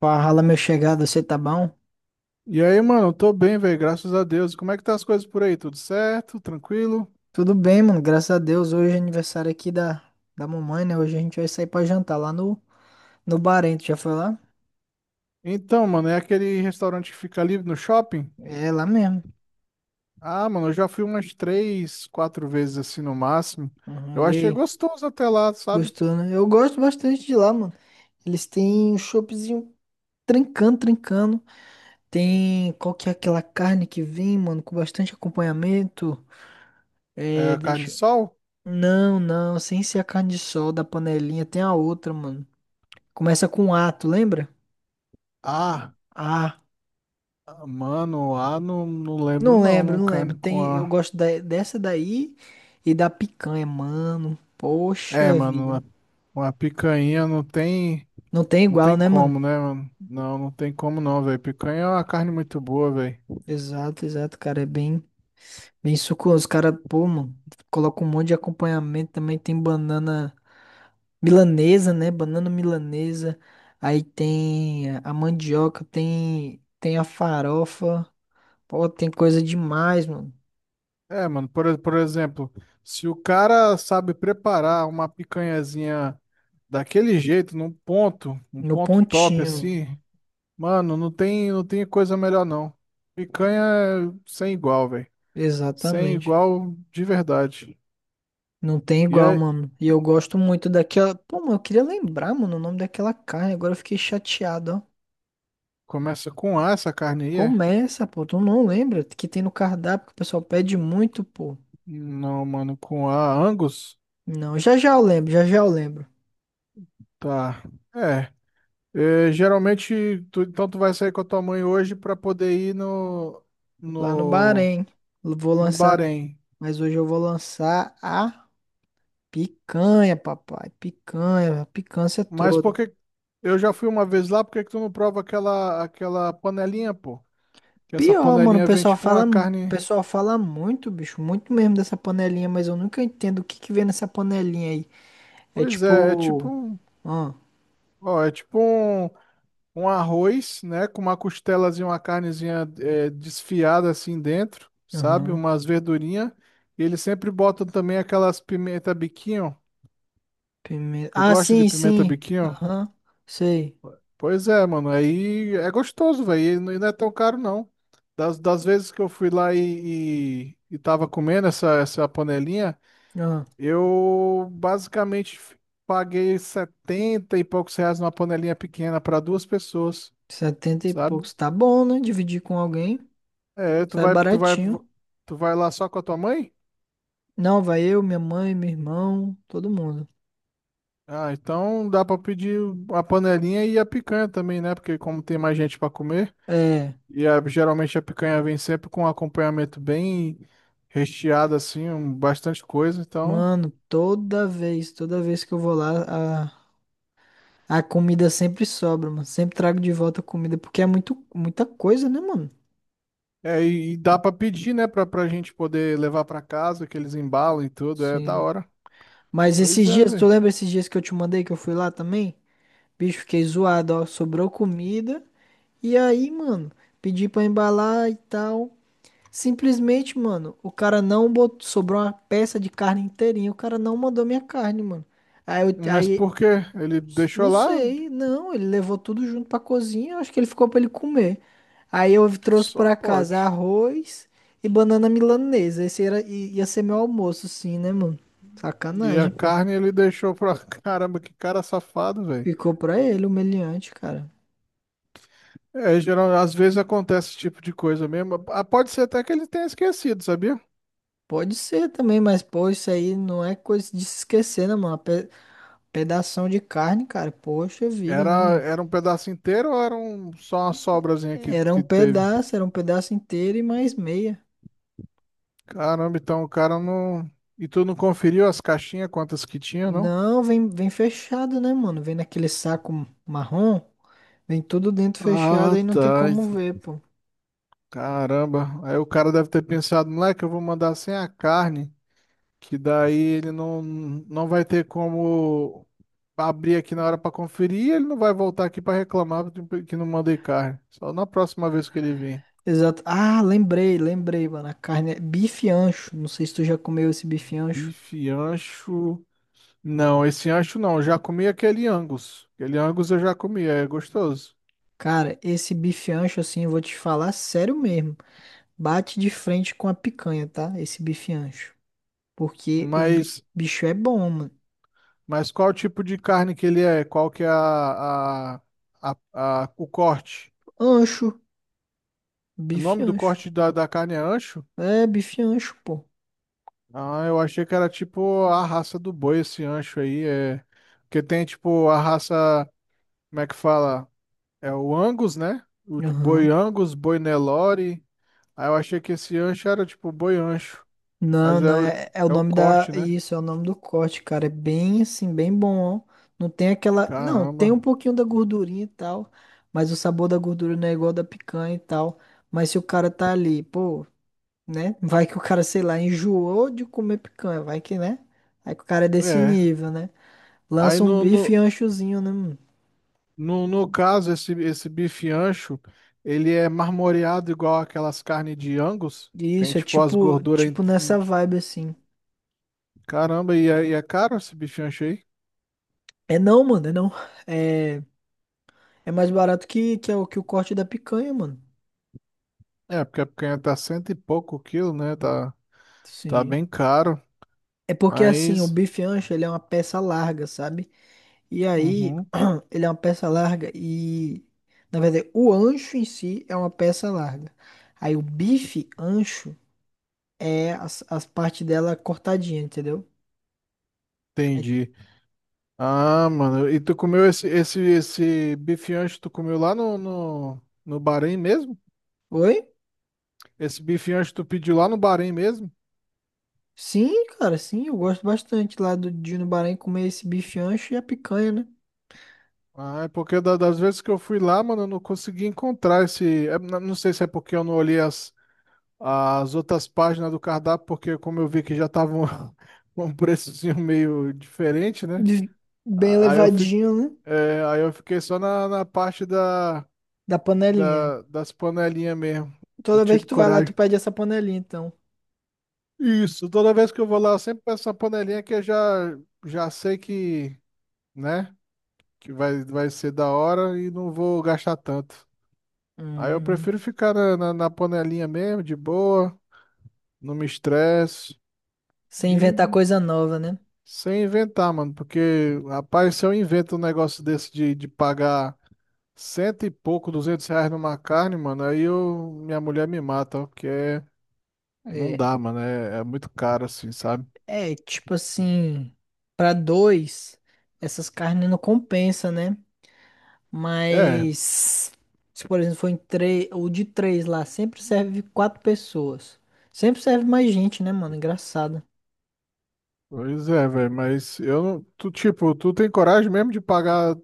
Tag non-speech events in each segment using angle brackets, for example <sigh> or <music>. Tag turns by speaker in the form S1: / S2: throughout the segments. S1: Fala, meu chegado, você tá bom?
S2: E aí, mano, eu tô bem, velho, graças a Deus. Como é que tá as coisas por aí? Tudo certo? Tranquilo?
S1: Tudo bem, mano, graças a Deus. Hoje é aniversário aqui da, da mamãe, né? Hoje a gente vai sair pra jantar lá no, no Barento. Já foi lá?
S2: Então, mano, é aquele restaurante que fica ali no shopping?
S1: É, lá mesmo.
S2: Ah, mano, eu já fui umas três, quatro vezes assim no máximo.
S1: Uhum.
S2: Eu
S1: E
S2: achei
S1: aí?
S2: gostoso até lá, sabe?
S1: Gostou, né? Eu gosto bastante de lá, mano. Eles têm um choppzinho trincando, trincando. Tem qual que é aquela carne que vem, mano, com bastante acompanhamento. É,
S2: É, carne de
S1: deixa.
S2: sol?
S1: Não, não, sem ser a carne de sol da panelinha, tem a outra, mano. Começa com ato, lembra?
S2: Ah,
S1: A.
S2: mano, não, não lembro
S1: Não lembro,
S2: não,
S1: não lembro.
S2: carne com
S1: Tem, eu
S2: a...
S1: gosto dessa daí e da picanha, mano.
S2: É,
S1: Poxa
S2: mano,
S1: vida.
S2: uma picanha não tem...
S1: Não tem
S2: Não
S1: igual,
S2: tem
S1: né, mano?
S2: como, né, mano? Não, não tem como não, velho. Picanha é uma carne muito boa, velho.
S1: Exato, exato, cara. É bem, bem suculento. Os caras, pô, mano, colocam um monte de acompanhamento também. Tem banana milanesa, né? Banana milanesa. Aí tem a mandioca, tem, tem a farofa. Pô, tem coisa demais, mano.
S2: É, mano, por exemplo, se o cara sabe preparar uma picanhazinha daquele jeito, um
S1: No
S2: ponto top
S1: pontinho.
S2: assim. Mano, não tem coisa melhor não. Picanha é sem igual, velho. Sem
S1: Exatamente.
S2: igual de verdade.
S1: Não tem
S2: E
S1: igual,
S2: aí,
S1: mano. E eu gosto muito daquela. Pô, mano, eu queria lembrar, mano, o nome daquela carne. Agora eu fiquei chateado, ó.
S2: começa com A essa carne aí, é?
S1: Começa, pô. Tu não lembra que tem no cardápio que o pessoal pede muito, pô.
S2: Não, mano, com A, Angus?
S1: Não, já já eu lembro, já já eu lembro.
S2: Tá. É. É, geralmente, então tu vai sair com a tua mãe hoje pra poder ir
S1: Lá no
S2: no,
S1: Bahrein. Vou
S2: no
S1: lançar.
S2: Bahrein.
S1: Mas hoje eu vou lançar a picanha, papai. Picanha, a picância
S2: Mas por
S1: toda.
S2: que eu já fui uma vez lá, por que que tu não prova aquela panelinha, pô? Que essa
S1: Pior, mano, o
S2: panelinha vem
S1: pessoal
S2: tipo uma
S1: O
S2: carne.
S1: pessoal fala muito, bicho. Muito mesmo dessa panelinha, mas eu nunca entendo o que que vem nessa panelinha aí. É
S2: Pois é, é tipo.
S1: tipo.
S2: Ó, é tipo um arroz, né? Com uma costelazinha, uma carnezinha desfiada assim dentro, sabe?
S1: Aham.
S2: Umas verdurinhas. E eles sempre botam também aquelas pimenta biquinho.
S1: Pimenta.
S2: Tu
S1: Ah,
S2: gosta de
S1: sim,
S2: pimenta
S1: sim.
S2: biquinho?
S1: Aham. Sei.
S2: Pois é, mano. Aí é gostoso, velho. E não é tão caro, não. Das vezes que eu fui lá e tava comendo essa panelinha,
S1: Aham.
S2: eu basicamente paguei 70 e poucos reais numa panelinha pequena para duas pessoas.
S1: 70 e
S2: Sabe?
S1: poucos. Tá bom, né? Dividir com alguém.
S2: É, tu
S1: Sai
S2: vai, tu vai,
S1: baratinho.
S2: tu vai lá só com a tua mãe?
S1: Não, vai eu, minha mãe, meu irmão, todo mundo.
S2: Ah, então dá pra pedir a panelinha e a picanha também, né? Porque como tem mais gente pra comer,
S1: É.
S2: e geralmente a picanha vem sempre com um acompanhamento bem recheado, assim, bastante coisa, então.
S1: Mano, toda vez que eu vou lá, a comida sempre sobra, mano. Sempre trago de volta a comida, porque é muito, muita coisa, né, mano?
S2: É, e dá pra pedir, né? Pra gente poder levar pra casa, que eles embalam e tudo, é da
S1: Sim.
S2: hora.
S1: Mas
S2: Pois
S1: esses
S2: é,
S1: dias, tu
S2: velho.
S1: lembra esses dias que eu te mandei que eu fui lá também? Bicho, fiquei zoado, ó. Sobrou comida. E aí, mano, pedi pra embalar e tal. Simplesmente, mano, o cara não botou, sobrou uma peça de carne inteirinha. O cara não mandou minha carne, mano. Aí, eu,
S2: Mas
S1: aí,
S2: por quê? Ele deixou
S1: não
S2: lá?
S1: sei, não, ele levou tudo junto pra cozinha. Acho que ele ficou pra ele comer. Aí eu trouxe
S2: Só
S1: pra casa
S2: pode.
S1: arroz e banana milanesa. Esse era, ia ser meu almoço, sim, né, mano?
S2: E a
S1: Sacanagem, pô.
S2: carne ele deixou pra. <laughs> Caramba, que cara safado, velho.
S1: Ficou pra ele, humilhante, cara.
S2: É, geral, às vezes acontece esse tipo de coisa mesmo. Ah, pode ser até que ele tenha esquecido, sabia?
S1: Pode ser também, mas, pô, isso aí não é coisa de se esquecer, né, mano? Pedação de carne, cara. Poxa vida, né,
S2: Era,
S1: mano?
S2: era um pedaço inteiro ou só uma sobrazinha que, que teve?
S1: Era um pedaço inteiro e mais meia.
S2: Caramba, então o cara não. E tu não conferiu as caixinhas, quantas que tinha, não?
S1: Não, vem, vem fechado, né, mano? Vem naquele saco marrom. Vem tudo dentro fechado,
S2: Ah,
S1: aí não tem
S2: tá.
S1: como ver, pô.
S2: Caramba. Aí o cara deve ter pensado, moleque, eu vou mandar sem a carne, que daí ele não vai ter como abrir aqui na hora pra conferir e ele não vai voltar aqui pra reclamar que não mandei carne. Só na próxima vez que ele vir.
S1: Exato. Ah, lembrei, lembrei, mano. A carne é bife ancho. Não sei se tu já comeu esse bife ancho.
S2: Bife ancho. Não, esse ancho não. Eu já comi aquele Angus. Aquele Angus eu já comi, é gostoso.
S1: Cara, esse bife ancho, assim, eu vou te falar sério mesmo. Bate de frente com a picanha, tá? Esse bife ancho. Porque o
S2: Mas,
S1: bicho é bom, mano.
S2: mas qual tipo de carne que ele é? Qual que é a, o corte?
S1: Ancho.
S2: O
S1: Bife
S2: nome do
S1: ancho.
S2: corte da carne é ancho?
S1: É, bife ancho, pô.
S2: Ah, eu achei que era tipo a raça do boi, esse ancho aí. É... Porque tem tipo a raça, como é que fala? É o Angus, né? O boi
S1: Aham.
S2: Angus, boi Nelore. Aí eu achei que esse ancho era tipo boi ancho.
S1: Não,
S2: Mas
S1: não,
S2: é o,
S1: é, é o
S2: é o
S1: nome da.
S2: corte, né?
S1: Isso, é o nome do corte, cara. É bem assim, bem bom, ó. Não tem aquela. Não, tem
S2: Caramba.
S1: um pouquinho da gordurinha e tal. Mas o sabor da gordura não é igual da picanha e tal. Mas se o cara tá ali, pô, né? Vai que o cara, sei lá, enjoou de comer picanha. Vai que, né? Aí que o cara é desse
S2: É.
S1: nível, né?
S2: Aí
S1: Lança um
S2: no,
S1: bife
S2: no,
S1: anchozinho, né? Mano?
S2: no, no caso, esse bife ancho, ele é marmoreado igual aquelas carnes de Angus. Tem
S1: Isso, é
S2: tipo as
S1: tipo,
S2: gorduras.
S1: tipo nessa vibe assim.
S2: Caramba, e é caro esse bife ancho aí?
S1: É não, mano, é não. É. É mais barato que, é o, que o corte da picanha, mano.
S2: É, porque a picanha tá 100 e pouco quilo, né? Tá, tá
S1: Sim.
S2: bem caro.
S1: É porque assim, o
S2: Mas.
S1: bife ancho, ele é uma peça larga, sabe? E aí,
S2: Uhum,
S1: <clears throat> ele é uma peça larga e... Na verdade, o ancho em si é uma peça larga. Aí o bife ancho é as, as partes dela cortadinha, entendeu? Aí-
S2: entendi. Ah, mano. E tu comeu esse bife ancho, tu comeu lá no, Bahrein mesmo?
S1: Oi?
S2: Esse bifinho acho que tu pediu lá no Bahrein mesmo?
S1: Sim, cara, sim, eu gosto bastante lá do de ir no Bahrein comer esse bife ancho e a picanha, né?
S2: Ah, é porque das vezes que eu fui lá, mano, eu não consegui encontrar esse. Não sei se é porque eu não olhei as outras páginas do cardápio, porque como eu vi que já estavam <laughs> com um preçozinho meio diferente, né?
S1: De- Bem
S2: Ah, Aí eu, fi,
S1: levadinho, né?
S2: é, aí eu fiquei só na parte
S1: Da panelinha.
S2: das panelinhas mesmo. Não
S1: Toda vez
S2: tive
S1: que tu vai lá, tu
S2: coragem.
S1: pede essa panelinha, então.
S2: Isso, toda vez que eu vou lá, eu sempre peço uma panelinha que eu já sei que, né? Que vai ser da hora e não vou gastar tanto. Aí eu
S1: Hum,
S2: prefiro ficar na panelinha mesmo, de boa, não me estresse,
S1: sem
S2: e
S1: inventar coisa nova, né?
S2: sem inventar, mano, porque, rapaz, se eu invento um negócio desse de pagar 100 e pouco, 200 reais numa carne, mano, minha mulher me mata, ó, porque não
S1: É,
S2: dá, mano, é muito caro assim, sabe?
S1: é tipo assim, pra dois, essas carnes não compensa, né?
S2: É,
S1: Mas se por exemplo for em três, o de três lá sempre serve quatro pessoas. Sempre serve mais gente, né, mano? Engraçado.
S2: pois é, velho, mas eu não, tu, tipo, tu tem coragem mesmo de pagar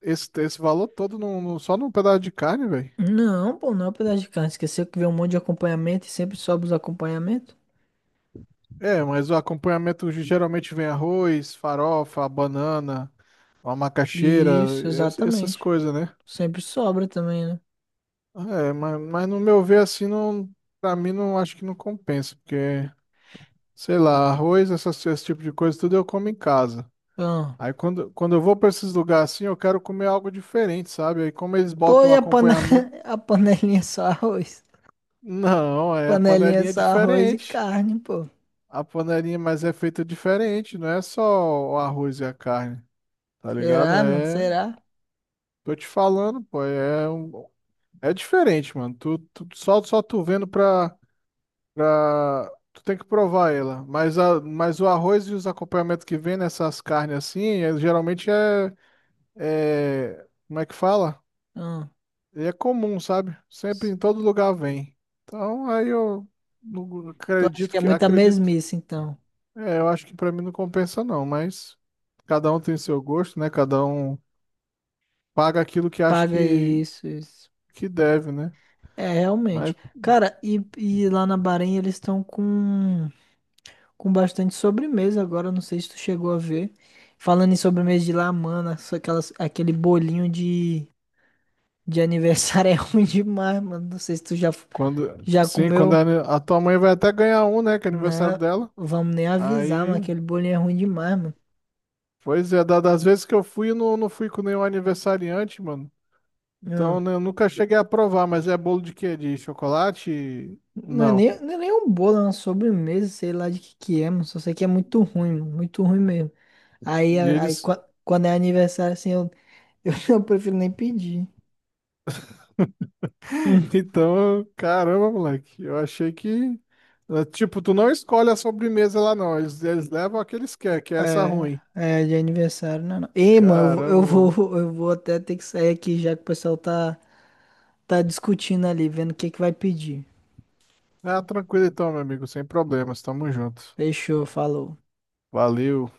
S2: esse valor todo só num pedaço de carne, velho?
S1: Não, pô, não é um pedaço de carne. Esqueceu que vem um monte de acompanhamento e sempre sobra os acompanhamentos?
S2: É, mas o acompanhamento geralmente vem arroz, farofa, banana, uma macaxeira,
S1: Isso,
S2: essas
S1: exatamente.
S2: coisas, né?
S1: Sempre sobra também, né?
S2: É, mas no meu ver, assim, não, pra mim, não acho que não compensa, porque, sei lá, arroz, esse tipo de coisa, tudo eu como em casa.
S1: Ah.
S2: Aí quando eu vou pra esses lugares assim, eu quero comer algo diferente, sabe? Aí como eles
S1: Pô,
S2: botam um
S1: e a, pane...
S2: acompanhamento,
S1: <laughs> a panelinha é só arroz?
S2: não, é a
S1: Panelinha é
S2: panelinha é
S1: só arroz e
S2: diferente.
S1: carne, pô.
S2: A panelinha, mas é feita diferente, não é só o arroz e a carne, tá ligado?
S1: Será, mano?
S2: É.
S1: Será?
S2: Tô te falando, pô, é diferente, mano. Só tu vendo pra. Tu tem que provar ela. Mas o arroz e os acompanhamentos que vem nessas carnes assim, geralmente é. Como é que fala?
S1: Hum.
S2: É comum, sabe? Sempre em todo lugar vem. Então aí eu não
S1: Tu acha que
S2: acredito
S1: é
S2: que.
S1: muita
S2: Acredito.
S1: mesmice, então?
S2: É, eu acho que pra mim não compensa, não, mas cada um tem seu gosto, né? Cada um paga aquilo que, acha
S1: Paga
S2: que,
S1: isso, isso.
S2: que deve, né?
S1: É, realmente.
S2: Mas
S1: Cara, e lá na Bahrein eles estão com bastante sobremesa agora. Não sei se tu chegou a ver. Falando em sobremesa de lá, mano, só aquelas, aquele bolinho de aniversário <laughs> é ruim demais, mano. Não sei se tu já, já
S2: Sim, quando
S1: comeu.
S2: a tua mãe vai até ganhar um, né? Que é aniversário
S1: Não,
S2: dela.
S1: vamos nem avisar, mano.
S2: Aí,
S1: Aquele bolinho é ruim demais, mano.
S2: pois é, das vezes que eu fui, eu não fui com nenhum aniversariante, mano. Então,
S1: Hum.
S2: né, eu nunca cheguei a provar, mas é bolo de quê? De chocolate?
S1: Não é
S2: Não.
S1: nem, não é nem um bolo, é uma sobremesa, sei lá de que é, mano. Só sei que é muito ruim, mano, muito ruim mesmo. Aí,
S2: E eles. <laughs>
S1: quando é aniversário, assim, eu, <laughs> eu prefiro nem pedir. Hum.
S2: Então, caramba, moleque. Eu achei que. Tipo, tu não escolhe a sobremesa lá, não. Eles levam a que eles querem, que é essa
S1: É,
S2: ruim.
S1: é de aniversário, não, é não. Ei, mano,
S2: Caramba,
S1: eu
S2: mano.
S1: vou, <laughs> eu vou até ter que sair aqui já que o pessoal tá, tá discutindo ali, vendo o que que vai pedir.
S2: Ah, tranquilo então, meu amigo, sem problemas. Tamo junto.
S1: Fechou, falou.
S2: Valeu.